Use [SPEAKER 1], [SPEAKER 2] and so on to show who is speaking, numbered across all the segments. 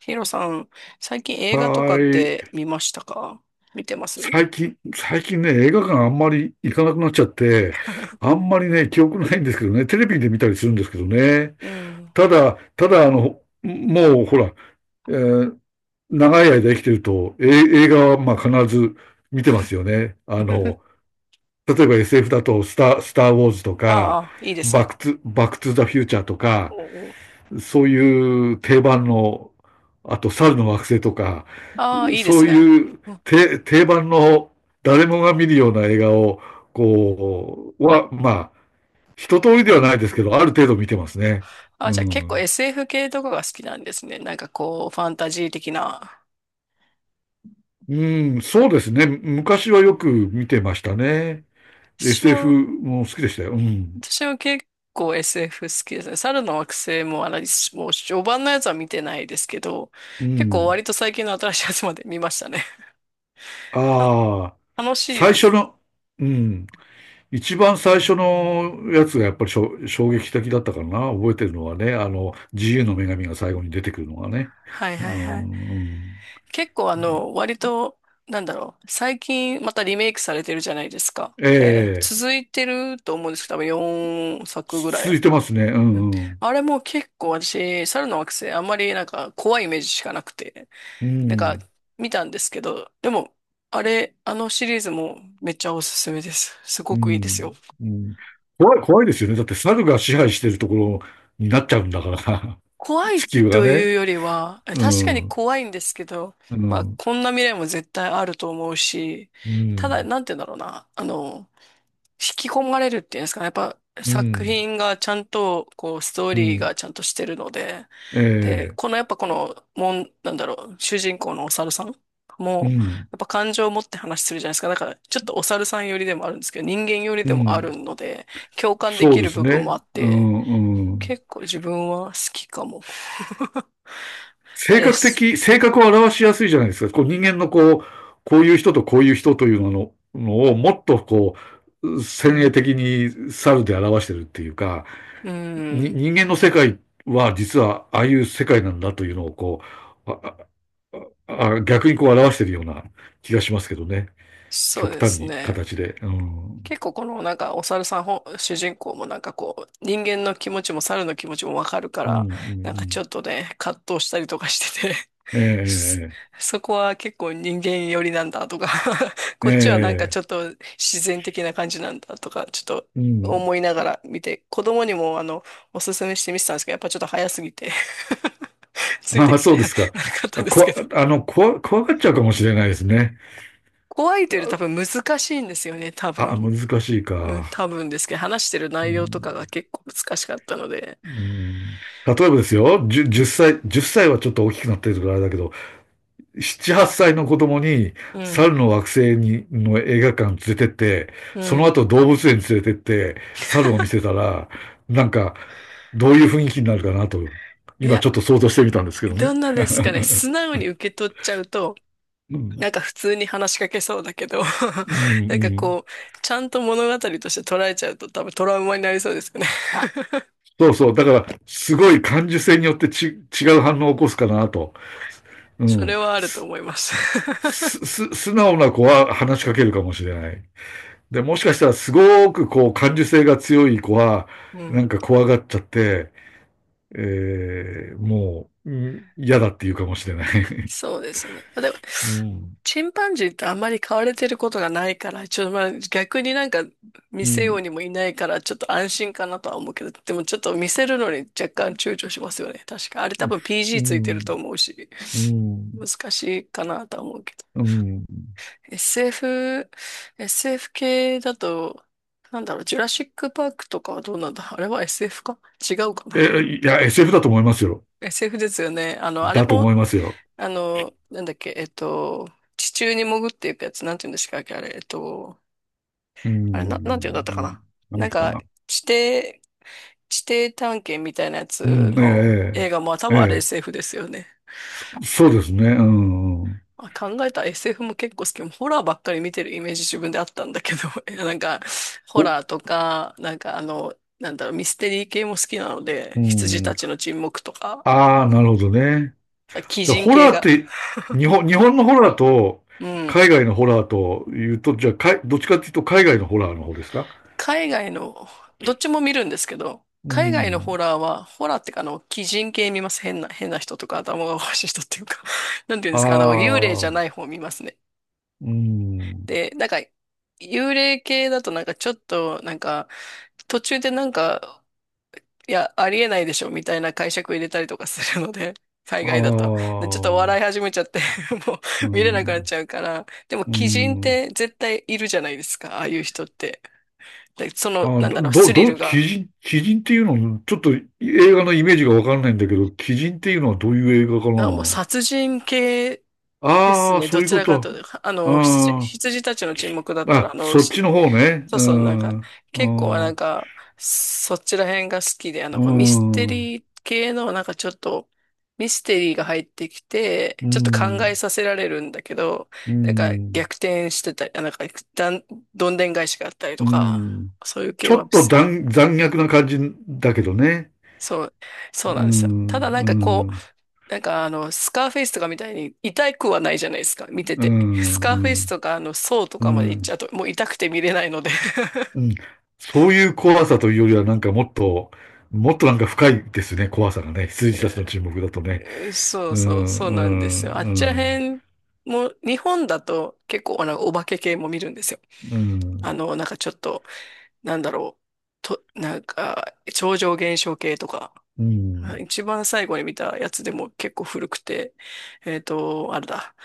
[SPEAKER 1] ヒロさん、最近映画と
[SPEAKER 2] は
[SPEAKER 1] かっ
[SPEAKER 2] ー
[SPEAKER 1] て
[SPEAKER 2] い。
[SPEAKER 1] 見ましたか？見てます。
[SPEAKER 2] 最近ね、映画館あんまり行かなくなっちゃって、あんまりね、記憶ないんですけどね、テレビで見たりするんですけどね。
[SPEAKER 1] うん。
[SPEAKER 2] ただ、ただ、あの、もうほら、えー長い間生きてると、映画はまあ必ず見てますよね。例えば SF だとスター・ウォーズとか、
[SPEAKER 1] ああ、いいです
[SPEAKER 2] バッ
[SPEAKER 1] ね。
[SPEAKER 2] ク・トゥ、バック・トゥ・ザ・フューチャーと
[SPEAKER 1] お
[SPEAKER 2] か、
[SPEAKER 1] お。
[SPEAKER 2] そういう定番の、あと、猿の惑星とか、
[SPEAKER 1] ああ、いいで
[SPEAKER 2] そ
[SPEAKER 1] す
[SPEAKER 2] う
[SPEAKER 1] ね。
[SPEAKER 2] いう
[SPEAKER 1] うん。
[SPEAKER 2] 定番の誰もが見るような映画を、こう、は、まあ、一通りではないですけど、ある程度見てますね。
[SPEAKER 1] あ、
[SPEAKER 2] う
[SPEAKER 1] じゃあ結構
[SPEAKER 2] ん。
[SPEAKER 1] SF 系とかが好きなんですね。なんかこう、ファンタジー的な。
[SPEAKER 2] うん、そうですね。昔はよく見てましたね。で
[SPEAKER 1] 私
[SPEAKER 2] SF
[SPEAKER 1] も、
[SPEAKER 2] も好きでしたよ。うん。
[SPEAKER 1] 私も結構 SF 好きですね。猿の惑星も、あの、もう序盤のやつは見てないですけど、
[SPEAKER 2] う
[SPEAKER 1] 結構割
[SPEAKER 2] ん。
[SPEAKER 1] と最近の新しいやつまで見ましたね。た
[SPEAKER 2] ああ、
[SPEAKER 1] 楽しい
[SPEAKER 2] 最
[SPEAKER 1] で
[SPEAKER 2] 初
[SPEAKER 1] す。
[SPEAKER 2] の、うん。一番最初のやつがやっぱり衝撃的だったかな。覚えてるのはね、あの、自由の女神が最後に出てくるのがね。
[SPEAKER 1] はい
[SPEAKER 2] う
[SPEAKER 1] はいはい。
[SPEAKER 2] ん。
[SPEAKER 1] 結構あの、割と、なんだろう、最近またリメイクされてるじゃないですか。
[SPEAKER 2] え
[SPEAKER 1] で、
[SPEAKER 2] え、
[SPEAKER 1] 続いてると思うんですけど、多分4作ぐら
[SPEAKER 2] 続
[SPEAKER 1] い。
[SPEAKER 2] いてますね。う
[SPEAKER 1] うん。
[SPEAKER 2] んうん。
[SPEAKER 1] あれも結構私、猿の惑星、あんまりなんか怖いイメージしかなくて、
[SPEAKER 2] う
[SPEAKER 1] なんか
[SPEAKER 2] ん、
[SPEAKER 1] 見たんですけど、でも、あれ、あのシリーズもめっちゃおすすめです。す
[SPEAKER 2] う
[SPEAKER 1] ごくいいで
[SPEAKER 2] ん、
[SPEAKER 1] すよ。
[SPEAKER 2] うん、怖い、怖いですよね。だって猿が支配してるところになっちゃうんだから、
[SPEAKER 1] 怖
[SPEAKER 2] 地
[SPEAKER 1] い
[SPEAKER 2] 球が
[SPEAKER 1] とい
[SPEAKER 2] ね。
[SPEAKER 1] うよりは、え
[SPEAKER 2] う
[SPEAKER 1] 確か
[SPEAKER 2] ん、
[SPEAKER 1] に
[SPEAKER 2] うん、
[SPEAKER 1] 怖いんですけど、
[SPEAKER 2] う
[SPEAKER 1] まあ、
[SPEAKER 2] ん、
[SPEAKER 1] こんな未来も絶対あると思うし、ただ、なんて言うんだろうな。あの、引き込まれるっていうんですかね。やっぱ
[SPEAKER 2] う
[SPEAKER 1] 作
[SPEAKER 2] ん、
[SPEAKER 1] 品がちゃんと、こう、ストー
[SPEAKER 2] う
[SPEAKER 1] リー
[SPEAKER 2] ん、
[SPEAKER 1] がちゃんとしてるので、
[SPEAKER 2] え
[SPEAKER 1] で、こ
[SPEAKER 2] え、
[SPEAKER 1] のやっぱこの、もん、なんだろう、主人公のお猿さん
[SPEAKER 2] う
[SPEAKER 1] も、
[SPEAKER 2] ん、
[SPEAKER 1] やっぱ感情を持って話するじゃないですか。だから、ちょっとお猿さん寄りでもあるんですけど、人間寄り
[SPEAKER 2] う
[SPEAKER 1] でもある
[SPEAKER 2] ん。
[SPEAKER 1] ので、共感で
[SPEAKER 2] そう
[SPEAKER 1] き
[SPEAKER 2] で
[SPEAKER 1] る
[SPEAKER 2] す
[SPEAKER 1] 部分も
[SPEAKER 2] ね。
[SPEAKER 1] あっ
[SPEAKER 2] う
[SPEAKER 1] て、
[SPEAKER 2] ん、うん。
[SPEAKER 1] 結構自分は好きかも。
[SPEAKER 2] 性
[SPEAKER 1] で
[SPEAKER 2] 格
[SPEAKER 1] す。
[SPEAKER 2] 的、性格を表しやすいじゃないですか。こう人間のこう、こういう人とこういう人というのをもっとこう、
[SPEAKER 1] う
[SPEAKER 2] 先鋭
[SPEAKER 1] ん。
[SPEAKER 2] 的に猿で表してるっていうか、
[SPEAKER 1] う
[SPEAKER 2] に、
[SPEAKER 1] ん。
[SPEAKER 2] 人間の世界は実はああいう世界なんだというのをう、あ、逆にこう表しているような気がしますけどね。
[SPEAKER 1] そう
[SPEAKER 2] 極
[SPEAKER 1] で
[SPEAKER 2] 端
[SPEAKER 1] す
[SPEAKER 2] に
[SPEAKER 1] ね。
[SPEAKER 2] 形で。うん。
[SPEAKER 1] 結構このなんかお猿さん本主人公もなんかこう人間の気持ちも猿の気持ちもわかるか
[SPEAKER 2] うん、う
[SPEAKER 1] ら、なんかち
[SPEAKER 2] ん、
[SPEAKER 1] ょっとね葛藤したりとかしてて、
[SPEAKER 2] うん。え
[SPEAKER 1] そ
[SPEAKER 2] え、
[SPEAKER 1] そこは結構人間寄りなんだとか、
[SPEAKER 2] え
[SPEAKER 1] こっちはなんか
[SPEAKER 2] え、
[SPEAKER 1] ちょっと自然的な感じなんだとかちょっと
[SPEAKER 2] うん。
[SPEAKER 1] 思いながら見て、子供にもあのおすすめして見てたんですけど、やっぱちょっと早すぎて つい
[SPEAKER 2] あ
[SPEAKER 1] て
[SPEAKER 2] あ、
[SPEAKER 1] き
[SPEAKER 2] そ
[SPEAKER 1] て
[SPEAKER 2] うです か。
[SPEAKER 1] なかったんで
[SPEAKER 2] こ
[SPEAKER 1] すけ
[SPEAKER 2] わ、
[SPEAKER 1] ど、
[SPEAKER 2] あの、こわ、怖がっちゃうかもしれないですね。
[SPEAKER 1] 怖いというより多分難しいんですよね、多
[SPEAKER 2] あ、あ
[SPEAKER 1] 分。
[SPEAKER 2] 難しい
[SPEAKER 1] うん、
[SPEAKER 2] か。
[SPEAKER 1] 多分ですけど、話してる
[SPEAKER 2] う
[SPEAKER 1] 内容と
[SPEAKER 2] ん、
[SPEAKER 1] かが結構難しかったので、
[SPEAKER 2] うん、例えばですよ、10、歳、1歳はちょっと大きくなってるからあれだけど、7、8歳の子供に
[SPEAKER 1] うん、
[SPEAKER 2] 猿の惑星にの映画館連れてって、
[SPEAKER 1] う
[SPEAKER 2] その
[SPEAKER 1] ん。
[SPEAKER 2] 後動物園連れてって猿を見せたら、なんかどういう雰囲気になるかなと、
[SPEAKER 1] い
[SPEAKER 2] 今ち
[SPEAKER 1] や、
[SPEAKER 2] ょっと想像してみたんですけどね。
[SPEAKER 1] どんなですかね、素直に受け取っちゃうと、
[SPEAKER 2] うん、
[SPEAKER 1] なんか普通に話しかけそうだけど、
[SPEAKER 2] うん、
[SPEAKER 1] なんか
[SPEAKER 2] うん。
[SPEAKER 1] こう、ちゃんと物語として捉えちゃうと多分トラウマになりそうですよね。
[SPEAKER 2] そうそう。だから、すごい感受性によって違う反応を起こすかなと。う
[SPEAKER 1] それ
[SPEAKER 2] ん。
[SPEAKER 1] はあると
[SPEAKER 2] す、
[SPEAKER 1] 思います。
[SPEAKER 2] す、す素直な子は話しかけるかもしれない。で、もしかしたらすごくこう感受性が強い子は、
[SPEAKER 1] う
[SPEAKER 2] な
[SPEAKER 1] ん。
[SPEAKER 2] んか怖がっちゃって、もう、嫌だって言うかもしれない。
[SPEAKER 1] そうですね。まあ、でも、
[SPEAKER 2] うん。
[SPEAKER 1] チンパンジーってあんまり飼われてることがないから、ちょっとまあ逆になんか見
[SPEAKER 2] う
[SPEAKER 1] せよう
[SPEAKER 2] ん。
[SPEAKER 1] にもいないから、ちょっと安心かなとは思うけど、でもちょっと見せるのに若干躊躇しますよね。確か。あれ多分
[SPEAKER 2] う
[SPEAKER 1] PG ついてる
[SPEAKER 2] ん。
[SPEAKER 1] と思うし、
[SPEAKER 2] うん。
[SPEAKER 1] 難しいかなとは思うけど。
[SPEAKER 2] うん。
[SPEAKER 1] SF、SF 系だと、なんだろう、ジュラシックパークとかはどうなんだ、あれは SF か違うかな。
[SPEAKER 2] いや、SF だと思いますよ。
[SPEAKER 1] SF ですよね。あの、あれ
[SPEAKER 2] だと
[SPEAKER 1] も、
[SPEAKER 2] 思いますよ。
[SPEAKER 1] あの、なんだっけ、えっと、地中に潜っていくやつ、なんて言うんでしたっけ、あれ、えっと、
[SPEAKER 2] う
[SPEAKER 1] あれ、な、なんて言うんだったか
[SPEAKER 2] ん。
[SPEAKER 1] な。な
[SPEAKER 2] 何
[SPEAKER 1] ん
[SPEAKER 2] か
[SPEAKER 1] か、
[SPEAKER 2] な。
[SPEAKER 1] 地底、地底探検みたいなや
[SPEAKER 2] う
[SPEAKER 1] つ
[SPEAKER 2] ん。
[SPEAKER 1] の映
[SPEAKER 2] え
[SPEAKER 1] 画も多分あれ
[SPEAKER 2] えええ
[SPEAKER 1] SF ですよね。
[SPEAKER 2] そうですね。うん。
[SPEAKER 1] あ、考えたら SF も結構好き。ホラーばっかり見てるイメージ自分であったんだけど、いやなんか、ホ
[SPEAKER 2] お、
[SPEAKER 1] ラーとか、なんかあの、なんだろう、ミステリー系も好きなので、
[SPEAKER 2] う
[SPEAKER 1] 羊
[SPEAKER 2] ん。
[SPEAKER 1] たちの沈黙とか、
[SPEAKER 2] ああ、なるほどね。
[SPEAKER 1] 鬼
[SPEAKER 2] で
[SPEAKER 1] 人
[SPEAKER 2] ホ
[SPEAKER 1] 系
[SPEAKER 2] ラーっ
[SPEAKER 1] が。
[SPEAKER 2] て、日本のホラーと、
[SPEAKER 1] うん。
[SPEAKER 2] 海外のホラーというと、じゃあ、どっちかっていうと、海外のホラーの方ですか？
[SPEAKER 1] 海外の、どっちも見るんですけど、
[SPEAKER 2] う
[SPEAKER 1] 海外のホ
[SPEAKER 2] ん。
[SPEAKER 1] ラーは、ホラーってか、あの、鬼人系見ます。変な人とか、頭がおかしい人っていうか、 なんていうんで
[SPEAKER 2] あ
[SPEAKER 1] すか、あの、幽霊じゃ
[SPEAKER 2] あ、
[SPEAKER 1] ない方見ますね。
[SPEAKER 2] うん。
[SPEAKER 1] で、なんか、幽霊系だとなんかちょっと、なんか、途中でなんか、いや、ありえないでしょ、みたいな解釈入れたりとかするので、海
[SPEAKER 2] あ
[SPEAKER 1] 外だと。
[SPEAKER 2] あ、
[SPEAKER 1] で、ちょっと笑い始めちゃって、 もう
[SPEAKER 2] う
[SPEAKER 1] 見れなくなっ
[SPEAKER 2] ん。
[SPEAKER 1] ちゃうから、でも
[SPEAKER 2] う
[SPEAKER 1] 鬼人っ
[SPEAKER 2] ん。
[SPEAKER 1] て絶対いるじゃないですか、ああいう人って。で、その、
[SPEAKER 2] ああ、
[SPEAKER 1] なん
[SPEAKER 2] ど、
[SPEAKER 1] だろう、
[SPEAKER 2] ど、
[SPEAKER 1] ス
[SPEAKER 2] どう
[SPEAKER 1] リル
[SPEAKER 2] 鬼
[SPEAKER 1] が。
[SPEAKER 2] 人、鬼人っていうの、ちょっと映画のイメージがわかんないんだけど、鬼人っていうのはどういう映画か
[SPEAKER 1] あ、もう
[SPEAKER 2] な。
[SPEAKER 1] 殺人系です
[SPEAKER 2] ああ、
[SPEAKER 1] ね。
[SPEAKER 2] そう
[SPEAKER 1] ど
[SPEAKER 2] いう
[SPEAKER 1] ち
[SPEAKER 2] こ
[SPEAKER 1] らか
[SPEAKER 2] と。
[SPEAKER 1] というと、あの、羊、
[SPEAKER 2] あ
[SPEAKER 1] 羊たちの沈黙だっ
[SPEAKER 2] あ、
[SPEAKER 1] たら、あ
[SPEAKER 2] あ、
[SPEAKER 1] の、
[SPEAKER 2] そっ
[SPEAKER 1] し、
[SPEAKER 2] ちの方ね。
[SPEAKER 1] そう
[SPEAKER 2] う
[SPEAKER 1] そう、なん
[SPEAKER 2] ん、
[SPEAKER 1] か、
[SPEAKER 2] う
[SPEAKER 1] 結構
[SPEAKER 2] ん、
[SPEAKER 1] なん
[SPEAKER 2] う
[SPEAKER 1] か、そっちら辺が好きで、あの、
[SPEAKER 2] ん、
[SPEAKER 1] こうミステリー系の、なんかちょっと、ミステリーが入ってきて、
[SPEAKER 2] う
[SPEAKER 1] ちょっと考え
[SPEAKER 2] ん。
[SPEAKER 1] させられるんだけど、
[SPEAKER 2] う
[SPEAKER 1] なんか
[SPEAKER 2] ん。
[SPEAKER 1] 逆転してたり、あなんか、だん、どんでん返しがあったりと
[SPEAKER 2] う
[SPEAKER 1] か、
[SPEAKER 2] ん。
[SPEAKER 1] そういう
[SPEAKER 2] ち
[SPEAKER 1] 系
[SPEAKER 2] ょ
[SPEAKER 1] は好
[SPEAKER 2] っと
[SPEAKER 1] き。
[SPEAKER 2] 残虐な感じだけどね。
[SPEAKER 1] そう、そう
[SPEAKER 2] う
[SPEAKER 1] なんですよ。た
[SPEAKER 2] ん。
[SPEAKER 1] だなんかこ
[SPEAKER 2] うん。
[SPEAKER 1] う、なんかあの、スカーフェイスとかみたいに痛くはないじゃないですか、見て
[SPEAKER 2] う
[SPEAKER 1] て。スカーフェイ
[SPEAKER 2] ん。う
[SPEAKER 1] ス
[SPEAKER 2] ん。
[SPEAKER 1] とかあの、ソーと
[SPEAKER 2] う
[SPEAKER 1] かまで行っちゃ
[SPEAKER 2] ん。
[SPEAKER 1] うと、もう痛くて見れないので。
[SPEAKER 2] うんそういう怖さというよりは、なんかもっと、もっとなんか深いですね、怖さがね。羊たちの沈黙だとね。
[SPEAKER 1] そう
[SPEAKER 2] う
[SPEAKER 1] そう、そうなんです
[SPEAKER 2] ん。う
[SPEAKER 1] よ。あっちら
[SPEAKER 2] ん。
[SPEAKER 1] へんも、日本だと結構あの、お化け系も見るんですよ。
[SPEAKER 2] う
[SPEAKER 1] あ
[SPEAKER 2] ん。
[SPEAKER 1] の、なんかちょっと、なんだろう、と、なんか、超常現象系とか。
[SPEAKER 2] うん。
[SPEAKER 1] 一番最後に見たやつでも結構古くて、えっと、あれだ。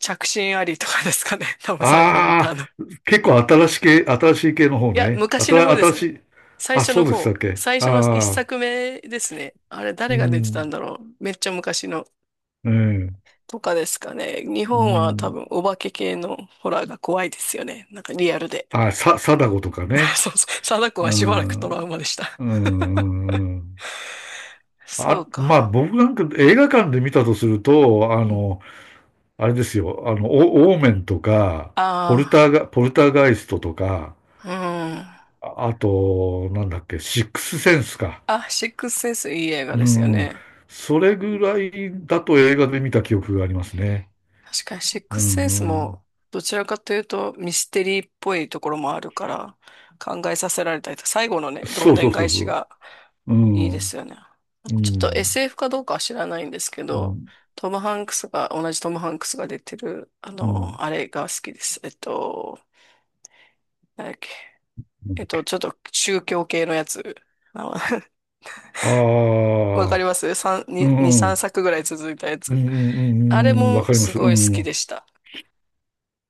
[SPEAKER 1] 着信ありとかですかね。多分最後見
[SPEAKER 2] あ
[SPEAKER 1] たの。
[SPEAKER 2] あ、結構新しい系、新しい系の方
[SPEAKER 1] いや、
[SPEAKER 2] ね。あ
[SPEAKER 1] 昔の
[SPEAKER 2] た、
[SPEAKER 1] 方で
[SPEAKER 2] 新
[SPEAKER 1] す
[SPEAKER 2] し
[SPEAKER 1] ね。
[SPEAKER 2] い、
[SPEAKER 1] 最
[SPEAKER 2] あ、
[SPEAKER 1] 初
[SPEAKER 2] そ
[SPEAKER 1] の
[SPEAKER 2] うでしたっ
[SPEAKER 1] 方。
[SPEAKER 2] け。
[SPEAKER 1] 最初の一
[SPEAKER 2] ああ、
[SPEAKER 1] 作目ですね。あれ、
[SPEAKER 2] う
[SPEAKER 1] 誰が出てたん
[SPEAKER 2] ん、
[SPEAKER 1] だろう。めっちゃ昔の。
[SPEAKER 2] うん、
[SPEAKER 1] とかですかね。日
[SPEAKER 2] う
[SPEAKER 1] 本は多
[SPEAKER 2] ん。
[SPEAKER 1] 分お化け系のホラーが怖いですよね。なんかリアルで。
[SPEAKER 2] 貞子とか ね。
[SPEAKER 1] そうそう。貞子
[SPEAKER 2] う
[SPEAKER 1] はしばらく
[SPEAKER 2] ん、
[SPEAKER 1] トラウマでした。
[SPEAKER 2] うん、うん。
[SPEAKER 1] そ
[SPEAKER 2] あ、
[SPEAKER 1] う
[SPEAKER 2] まあ
[SPEAKER 1] か。
[SPEAKER 2] 僕なんか映画館で見たとすると、あ
[SPEAKER 1] うん。
[SPEAKER 2] の、あれですよ、あの、オーメンとか、ポルタ
[SPEAKER 1] あ
[SPEAKER 2] ーガ、ポルターガイストとか、
[SPEAKER 1] あ、うん。
[SPEAKER 2] ああと、なんだっけ、シックスセンスか。
[SPEAKER 1] あ、シックスセンスいい映画で
[SPEAKER 2] う
[SPEAKER 1] すよ
[SPEAKER 2] ん、
[SPEAKER 1] ね。
[SPEAKER 2] それぐらいだと映画で見た記憶がありますね。
[SPEAKER 1] 確かにシッ
[SPEAKER 2] う
[SPEAKER 1] クスセンス
[SPEAKER 2] ん、う
[SPEAKER 1] も
[SPEAKER 2] ん。
[SPEAKER 1] どちらかというとミステリーっぽいところもあるから、考えさせられたりと、最後のね、どん
[SPEAKER 2] そう
[SPEAKER 1] で
[SPEAKER 2] そ
[SPEAKER 1] ん
[SPEAKER 2] うそ
[SPEAKER 1] 返
[SPEAKER 2] うそ
[SPEAKER 1] しが
[SPEAKER 2] う。う
[SPEAKER 1] いいで
[SPEAKER 2] ん、
[SPEAKER 1] すよね。
[SPEAKER 2] う
[SPEAKER 1] ちょっと
[SPEAKER 2] ん、
[SPEAKER 1] SF かどうかは知らないんですけ
[SPEAKER 2] う
[SPEAKER 1] ど、
[SPEAKER 2] ん、
[SPEAKER 1] トム・ハンクスが、同じトム・ハンクスが出てる、あ
[SPEAKER 2] うん。
[SPEAKER 1] の、あれが好きです。えっと、なんだっけ。えっと、ちょっと宗教系のやつ。あの、
[SPEAKER 2] あ
[SPEAKER 1] わかり
[SPEAKER 2] あ
[SPEAKER 1] ますさん
[SPEAKER 2] ー、う
[SPEAKER 1] に二2、3
[SPEAKER 2] ん。
[SPEAKER 1] 作ぐらい続いたや
[SPEAKER 2] うん
[SPEAKER 1] つ。
[SPEAKER 2] うんう
[SPEAKER 1] あれ
[SPEAKER 2] んうん、わ
[SPEAKER 1] も
[SPEAKER 2] かりま
[SPEAKER 1] す
[SPEAKER 2] す。う
[SPEAKER 1] ごい好きで
[SPEAKER 2] ん。
[SPEAKER 1] した。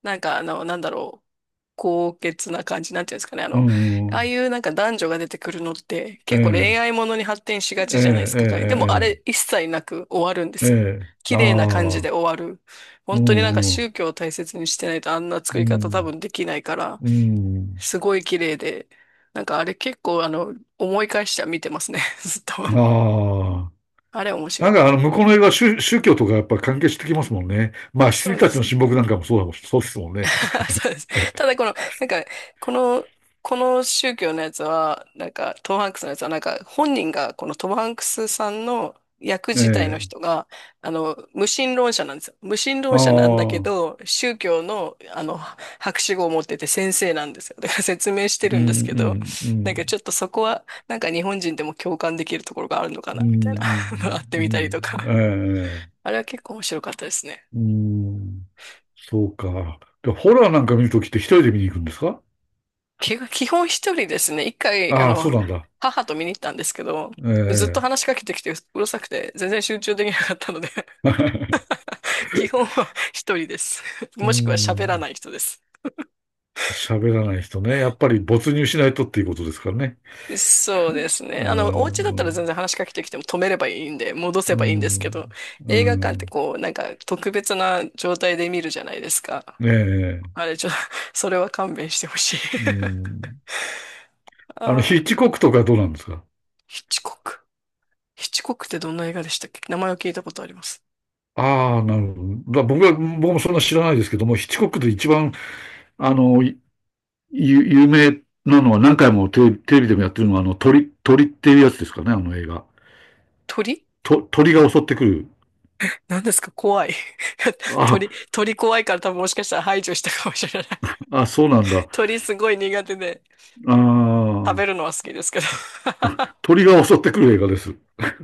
[SPEAKER 1] なんかあの、なんだろう。高潔な感じ、なんていうんですかね。あ
[SPEAKER 2] う
[SPEAKER 1] の、
[SPEAKER 2] ん。
[SPEAKER 1] あ
[SPEAKER 2] う
[SPEAKER 1] あ
[SPEAKER 2] ん
[SPEAKER 1] いうなんか男女が出てくるのって
[SPEAKER 2] え
[SPEAKER 1] 結構恋
[SPEAKER 2] え、
[SPEAKER 1] 愛ものに発展しが
[SPEAKER 2] ええ、
[SPEAKER 1] ちじゃないです
[SPEAKER 2] え
[SPEAKER 1] か。彼でもあ
[SPEAKER 2] え、
[SPEAKER 1] れ一切なく終わるんで
[SPEAKER 2] ええ、え
[SPEAKER 1] すよ。
[SPEAKER 2] え、あ
[SPEAKER 1] 綺麗な感じで
[SPEAKER 2] あ、
[SPEAKER 1] 終わる。
[SPEAKER 2] う
[SPEAKER 1] 本当になんか
[SPEAKER 2] ん、うん、
[SPEAKER 1] 宗教を大切にしてないとあんな作
[SPEAKER 2] う
[SPEAKER 1] り方多
[SPEAKER 2] ん、
[SPEAKER 1] 分できないから、
[SPEAKER 2] うん。
[SPEAKER 1] すごい綺麗で、なんかあれ結構あの、思い返しては見てますね。ずっと。
[SPEAKER 2] ああ。
[SPEAKER 1] あれ面
[SPEAKER 2] な
[SPEAKER 1] 白い
[SPEAKER 2] ん
[SPEAKER 1] で
[SPEAKER 2] か、あの、
[SPEAKER 1] す。
[SPEAKER 2] 向こうの映画は宗教とかやっぱ関係してきますもんね。まあ、
[SPEAKER 1] そ
[SPEAKER 2] 羊
[SPEAKER 1] うで
[SPEAKER 2] たちの
[SPEAKER 1] すね。
[SPEAKER 2] 親睦なんかもそうだもん、そうですもんね。
[SPEAKER 1] そうです。ただこの、なんか、この、この宗教のやつは、なんか、トム・ハンクスのやつは、なんか、本人が、このトム・ハンクスさんの役
[SPEAKER 2] え
[SPEAKER 1] 自体の
[SPEAKER 2] え、
[SPEAKER 1] 人が、あの、無神論者なんですよ。無神
[SPEAKER 2] あ
[SPEAKER 1] 論
[SPEAKER 2] あ、
[SPEAKER 1] 者なんだけ
[SPEAKER 2] うん、
[SPEAKER 1] ど、宗教の、あの、博士号を持ってて先生なんですよ。だから説明して
[SPEAKER 2] う
[SPEAKER 1] るんですけど、
[SPEAKER 2] ん、う
[SPEAKER 1] なんかち
[SPEAKER 2] ん、
[SPEAKER 1] ょっとそこは、なんか日本人でも共感できるところがあるのかな、
[SPEAKER 2] う
[SPEAKER 1] み
[SPEAKER 2] ん、
[SPEAKER 1] たいな、あって
[SPEAKER 2] う
[SPEAKER 1] みたりと
[SPEAKER 2] ん、うん
[SPEAKER 1] か。
[SPEAKER 2] ええ、
[SPEAKER 1] あれは結構面白かったですね。
[SPEAKER 2] うん、そうか。で、ホラーなんか見るときって一人で見に行くんですか？
[SPEAKER 1] 基本一人ですね。一回、あ
[SPEAKER 2] ああ、そう
[SPEAKER 1] の、
[SPEAKER 2] なんだ。
[SPEAKER 1] 母と見に行ったんですけど、
[SPEAKER 2] え
[SPEAKER 1] ずっと
[SPEAKER 2] え。
[SPEAKER 1] 話しかけてきてうるさくて、全然集中できなかったので、 基本は一人です。
[SPEAKER 2] う
[SPEAKER 1] もしくは喋ら
[SPEAKER 2] ん。
[SPEAKER 1] ない人です。
[SPEAKER 2] 喋らない人ね。やっぱり没入しないとっていうことですからね。
[SPEAKER 1] そうですね。
[SPEAKER 2] う
[SPEAKER 1] あの、お家だったら
[SPEAKER 2] ん。う
[SPEAKER 1] 全然話しかけてきても止めればいいんで、戻せばいいんですけど、
[SPEAKER 2] ん。う
[SPEAKER 1] 映画館って
[SPEAKER 2] ん。
[SPEAKER 1] こう、なんか特別な状態で見るじゃないですか。
[SPEAKER 2] ねえ。
[SPEAKER 1] あれ、ちょ、それは勘弁してほしい。
[SPEAKER 2] うん。あの、
[SPEAKER 1] あ
[SPEAKER 2] ヒ
[SPEAKER 1] あ、
[SPEAKER 2] ッチコックとかどうなんですか？
[SPEAKER 1] ヒッチコック。ヒッチコックってどんな映画でしたっけ、名前を聞いたことあります。
[SPEAKER 2] ああ、なるほど。だ僕は、僕もそんな知らないですけども、ヒッチコックで一番、あの、有名なのは何回もテレビでもやってるのは、あの、鳥っていうやつですかね、あの映画。
[SPEAKER 1] 鳥？
[SPEAKER 2] 鳥が襲ってくる。
[SPEAKER 1] 何ですか、怖い。
[SPEAKER 2] あ、
[SPEAKER 1] 鳥怖いから多分もしかしたら排除したかもしれない。
[SPEAKER 2] そうなんだ。
[SPEAKER 1] 鳥すごい苦手で、
[SPEAKER 2] あ
[SPEAKER 1] 食べる
[SPEAKER 2] あ、
[SPEAKER 1] のは好きですけど。
[SPEAKER 2] 鳥が襲ってくる映画です。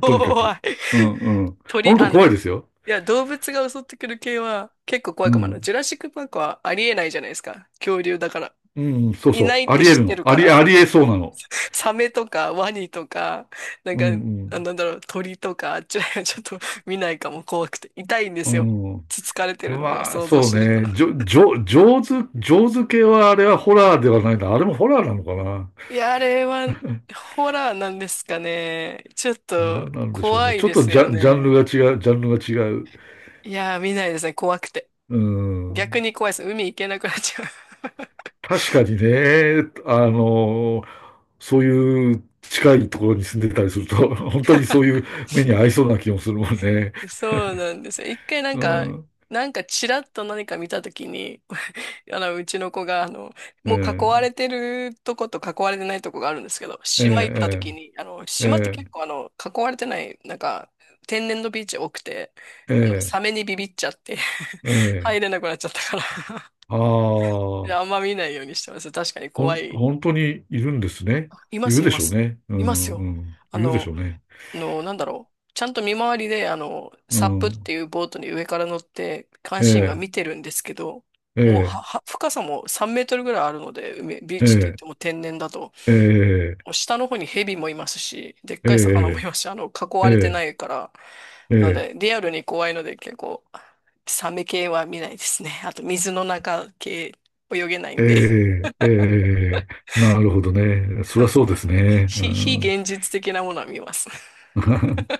[SPEAKER 2] とにか
[SPEAKER 1] 怖
[SPEAKER 2] く。
[SPEAKER 1] い。
[SPEAKER 2] うんうん。
[SPEAKER 1] 鳥、
[SPEAKER 2] 本当
[SPEAKER 1] あの、い
[SPEAKER 2] 怖いですよ。
[SPEAKER 1] や、動物が襲ってくる系は結構
[SPEAKER 2] う
[SPEAKER 1] 怖いかもな。あの
[SPEAKER 2] ん。
[SPEAKER 1] ジュラシックパークはありえないじゃないですか。恐竜だから。
[SPEAKER 2] うん、そう
[SPEAKER 1] いな
[SPEAKER 2] そ
[SPEAKER 1] い
[SPEAKER 2] う。
[SPEAKER 1] っ
[SPEAKER 2] あ
[SPEAKER 1] て
[SPEAKER 2] り得
[SPEAKER 1] 知っ
[SPEAKER 2] る
[SPEAKER 1] て
[SPEAKER 2] の。
[SPEAKER 1] る
[SPEAKER 2] あ
[SPEAKER 1] か
[SPEAKER 2] り、
[SPEAKER 1] ら。
[SPEAKER 2] あり得そうなの。
[SPEAKER 1] サメとかワニとか、なん
[SPEAKER 2] う
[SPEAKER 1] か、あ
[SPEAKER 2] ん
[SPEAKER 1] なんだろう、鳥とか、あっちらへんはちょっと見ないかも、怖くて。痛いんで
[SPEAKER 2] う
[SPEAKER 1] すよ。
[SPEAKER 2] ん。うん。
[SPEAKER 1] つつかれてるのが
[SPEAKER 2] まあ、
[SPEAKER 1] 想像
[SPEAKER 2] そう
[SPEAKER 1] すると。
[SPEAKER 2] ね。じょ、じょ、上手、上手系はあれはホラーではないな。あれもホラーなのかな。
[SPEAKER 1] いや、あれはホラーなんですかね。ちょっと
[SPEAKER 2] なんでしょう
[SPEAKER 1] 怖
[SPEAKER 2] ね。
[SPEAKER 1] い
[SPEAKER 2] ちょっ
[SPEAKER 1] で
[SPEAKER 2] と
[SPEAKER 1] す
[SPEAKER 2] ジ
[SPEAKER 1] よ
[SPEAKER 2] ャ、ジャンル
[SPEAKER 1] ね。
[SPEAKER 2] が違う、ジャンルが違う。
[SPEAKER 1] いやー、見ないですね。怖くて。
[SPEAKER 2] う
[SPEAKER 1] 逆
[SPEAKER 2] ん。
[SPEAKER 1] に怖いです。海行けなくなっちゃ
[SPEAKER 2] 確かにね、あの、そういう近いところに住んでたりすると、本当にそういう目に合いそうな気もするもんね。
[SPEAKER 1] う。そうなんですよ。一回なん
[SPEAKER 2] う
[SPEAKER 1] か、
[SPEAKER 2] ん、
[SPEAKER 1] なんかチラッと何か見たときに、あの、うちの子が、あの、
[SPEAKER 2] え
[SPEAKER 1] もう囲われ
[SPEAKER 2] え、
[SPEAKER 1] てるとこと囲われてないとこがあるんですけど、
[SPEAKER 2] え
[SPEAKER 1] 島行ったとき
[SPEAKER 2] え、
[SPEAKER 1] に、あの、
[SPEAKER 2] え
[SPEAKER 1] 島って結
[SPEAKER 2] え、
[SPEAKER 1] 構あの、囲われてない、なんか、天然のビーチ多くて、
[SPEAKER 2] え
[SPEAKER 1] あの、
[SPEAKER 2] え、
[SPEAKER 1] サメにビビっちゃって、
[SPEAKER 2] え え、
[SPEAKER 1] 入れなくなっちゃったから、
[SPEAKER 2] ああ、
[SPEAKER 1] であんま見ないようにしてます。確かに
[SPEAKER 2] ほ
[SPEAKER 1] 怖
[SPEAKER 2] ん、
[SPEAKER 1] い。
[SPEAKER 2] 本当にいるんですね。
[SPEAKER 1] いま
[SPEAKER 2] いる
[SPEAKER 1] す、い
[SPEAKER 2] で
[SPEAKER 1] ま
[SPEAKER 2] しょう
[SPEAKER 1] す。
[SPEAKER 2] ね。う
[SPEAKER 1] います
[SPEAKER 2] ん、う
[SPEAKER 1] よ。
[SPEAKER 2] ん、
[SPEAKER 1] あ
[SPEAKER 2] いるでし
[SPEAKER 1] の、
[SPEAKER 2] ょうね。
[SPEAKER 1] あの、なんだろう。ちゃんと見回りで、あの、
[SPEAKER 2] う
[SPEAKER 1] サップって
[SPEAKER 2] ん、
[SPEAKER 1] いうボートに上から乗って、監
[SPEAKER 2] え
[SPEAKER 1] 視員が
[SPEAKER 2] え、
[SPEAKER 1] 見てるんですけど、
[SPEAKER 2] え
[SPEAKER 1] もう
[SPEAKER 2] え、
[SPEAKER 1] は、深さも3メートルぐらいあるので、海、ビー
[SPEAKER 2] え
[SPEAKER 1] チって言っ
[SPEAKER 2] え、
[SPEAKER 1] ても天然だと、
[SPEAKER 2] ええ、
[SPEAKER 1] もう下の方にヘビもいますし、でっ
[SPEAKER 2] え
[SPEAKER 1] かい魚もい
[SPEAKER 2] え、
[SPEAKER 1] ますし、あの、囲わ
[SPEAKER 2] え
[SPEAKER 1] れてな
[SPEAKER 2] え、
[SPEAKER 1] いから、
[SPEAKER 2] え
[SPEAKER 1] なの
[SPEAKER 2] え、
[SPEAKER 1] で、リアルに怖いので、結構、サメ系は見ないですね。あと、水の中系、泳げない
[SPEAKER 2] え
[SPEAKER 1] んで。
[SPEAKER 2] え、ええなるほどね。そりゃそうですね。う
[SPEAKER 1] 非、非
[SPEAKER 2] ん
[SPEAKER 1] 現実的なものは見ますね。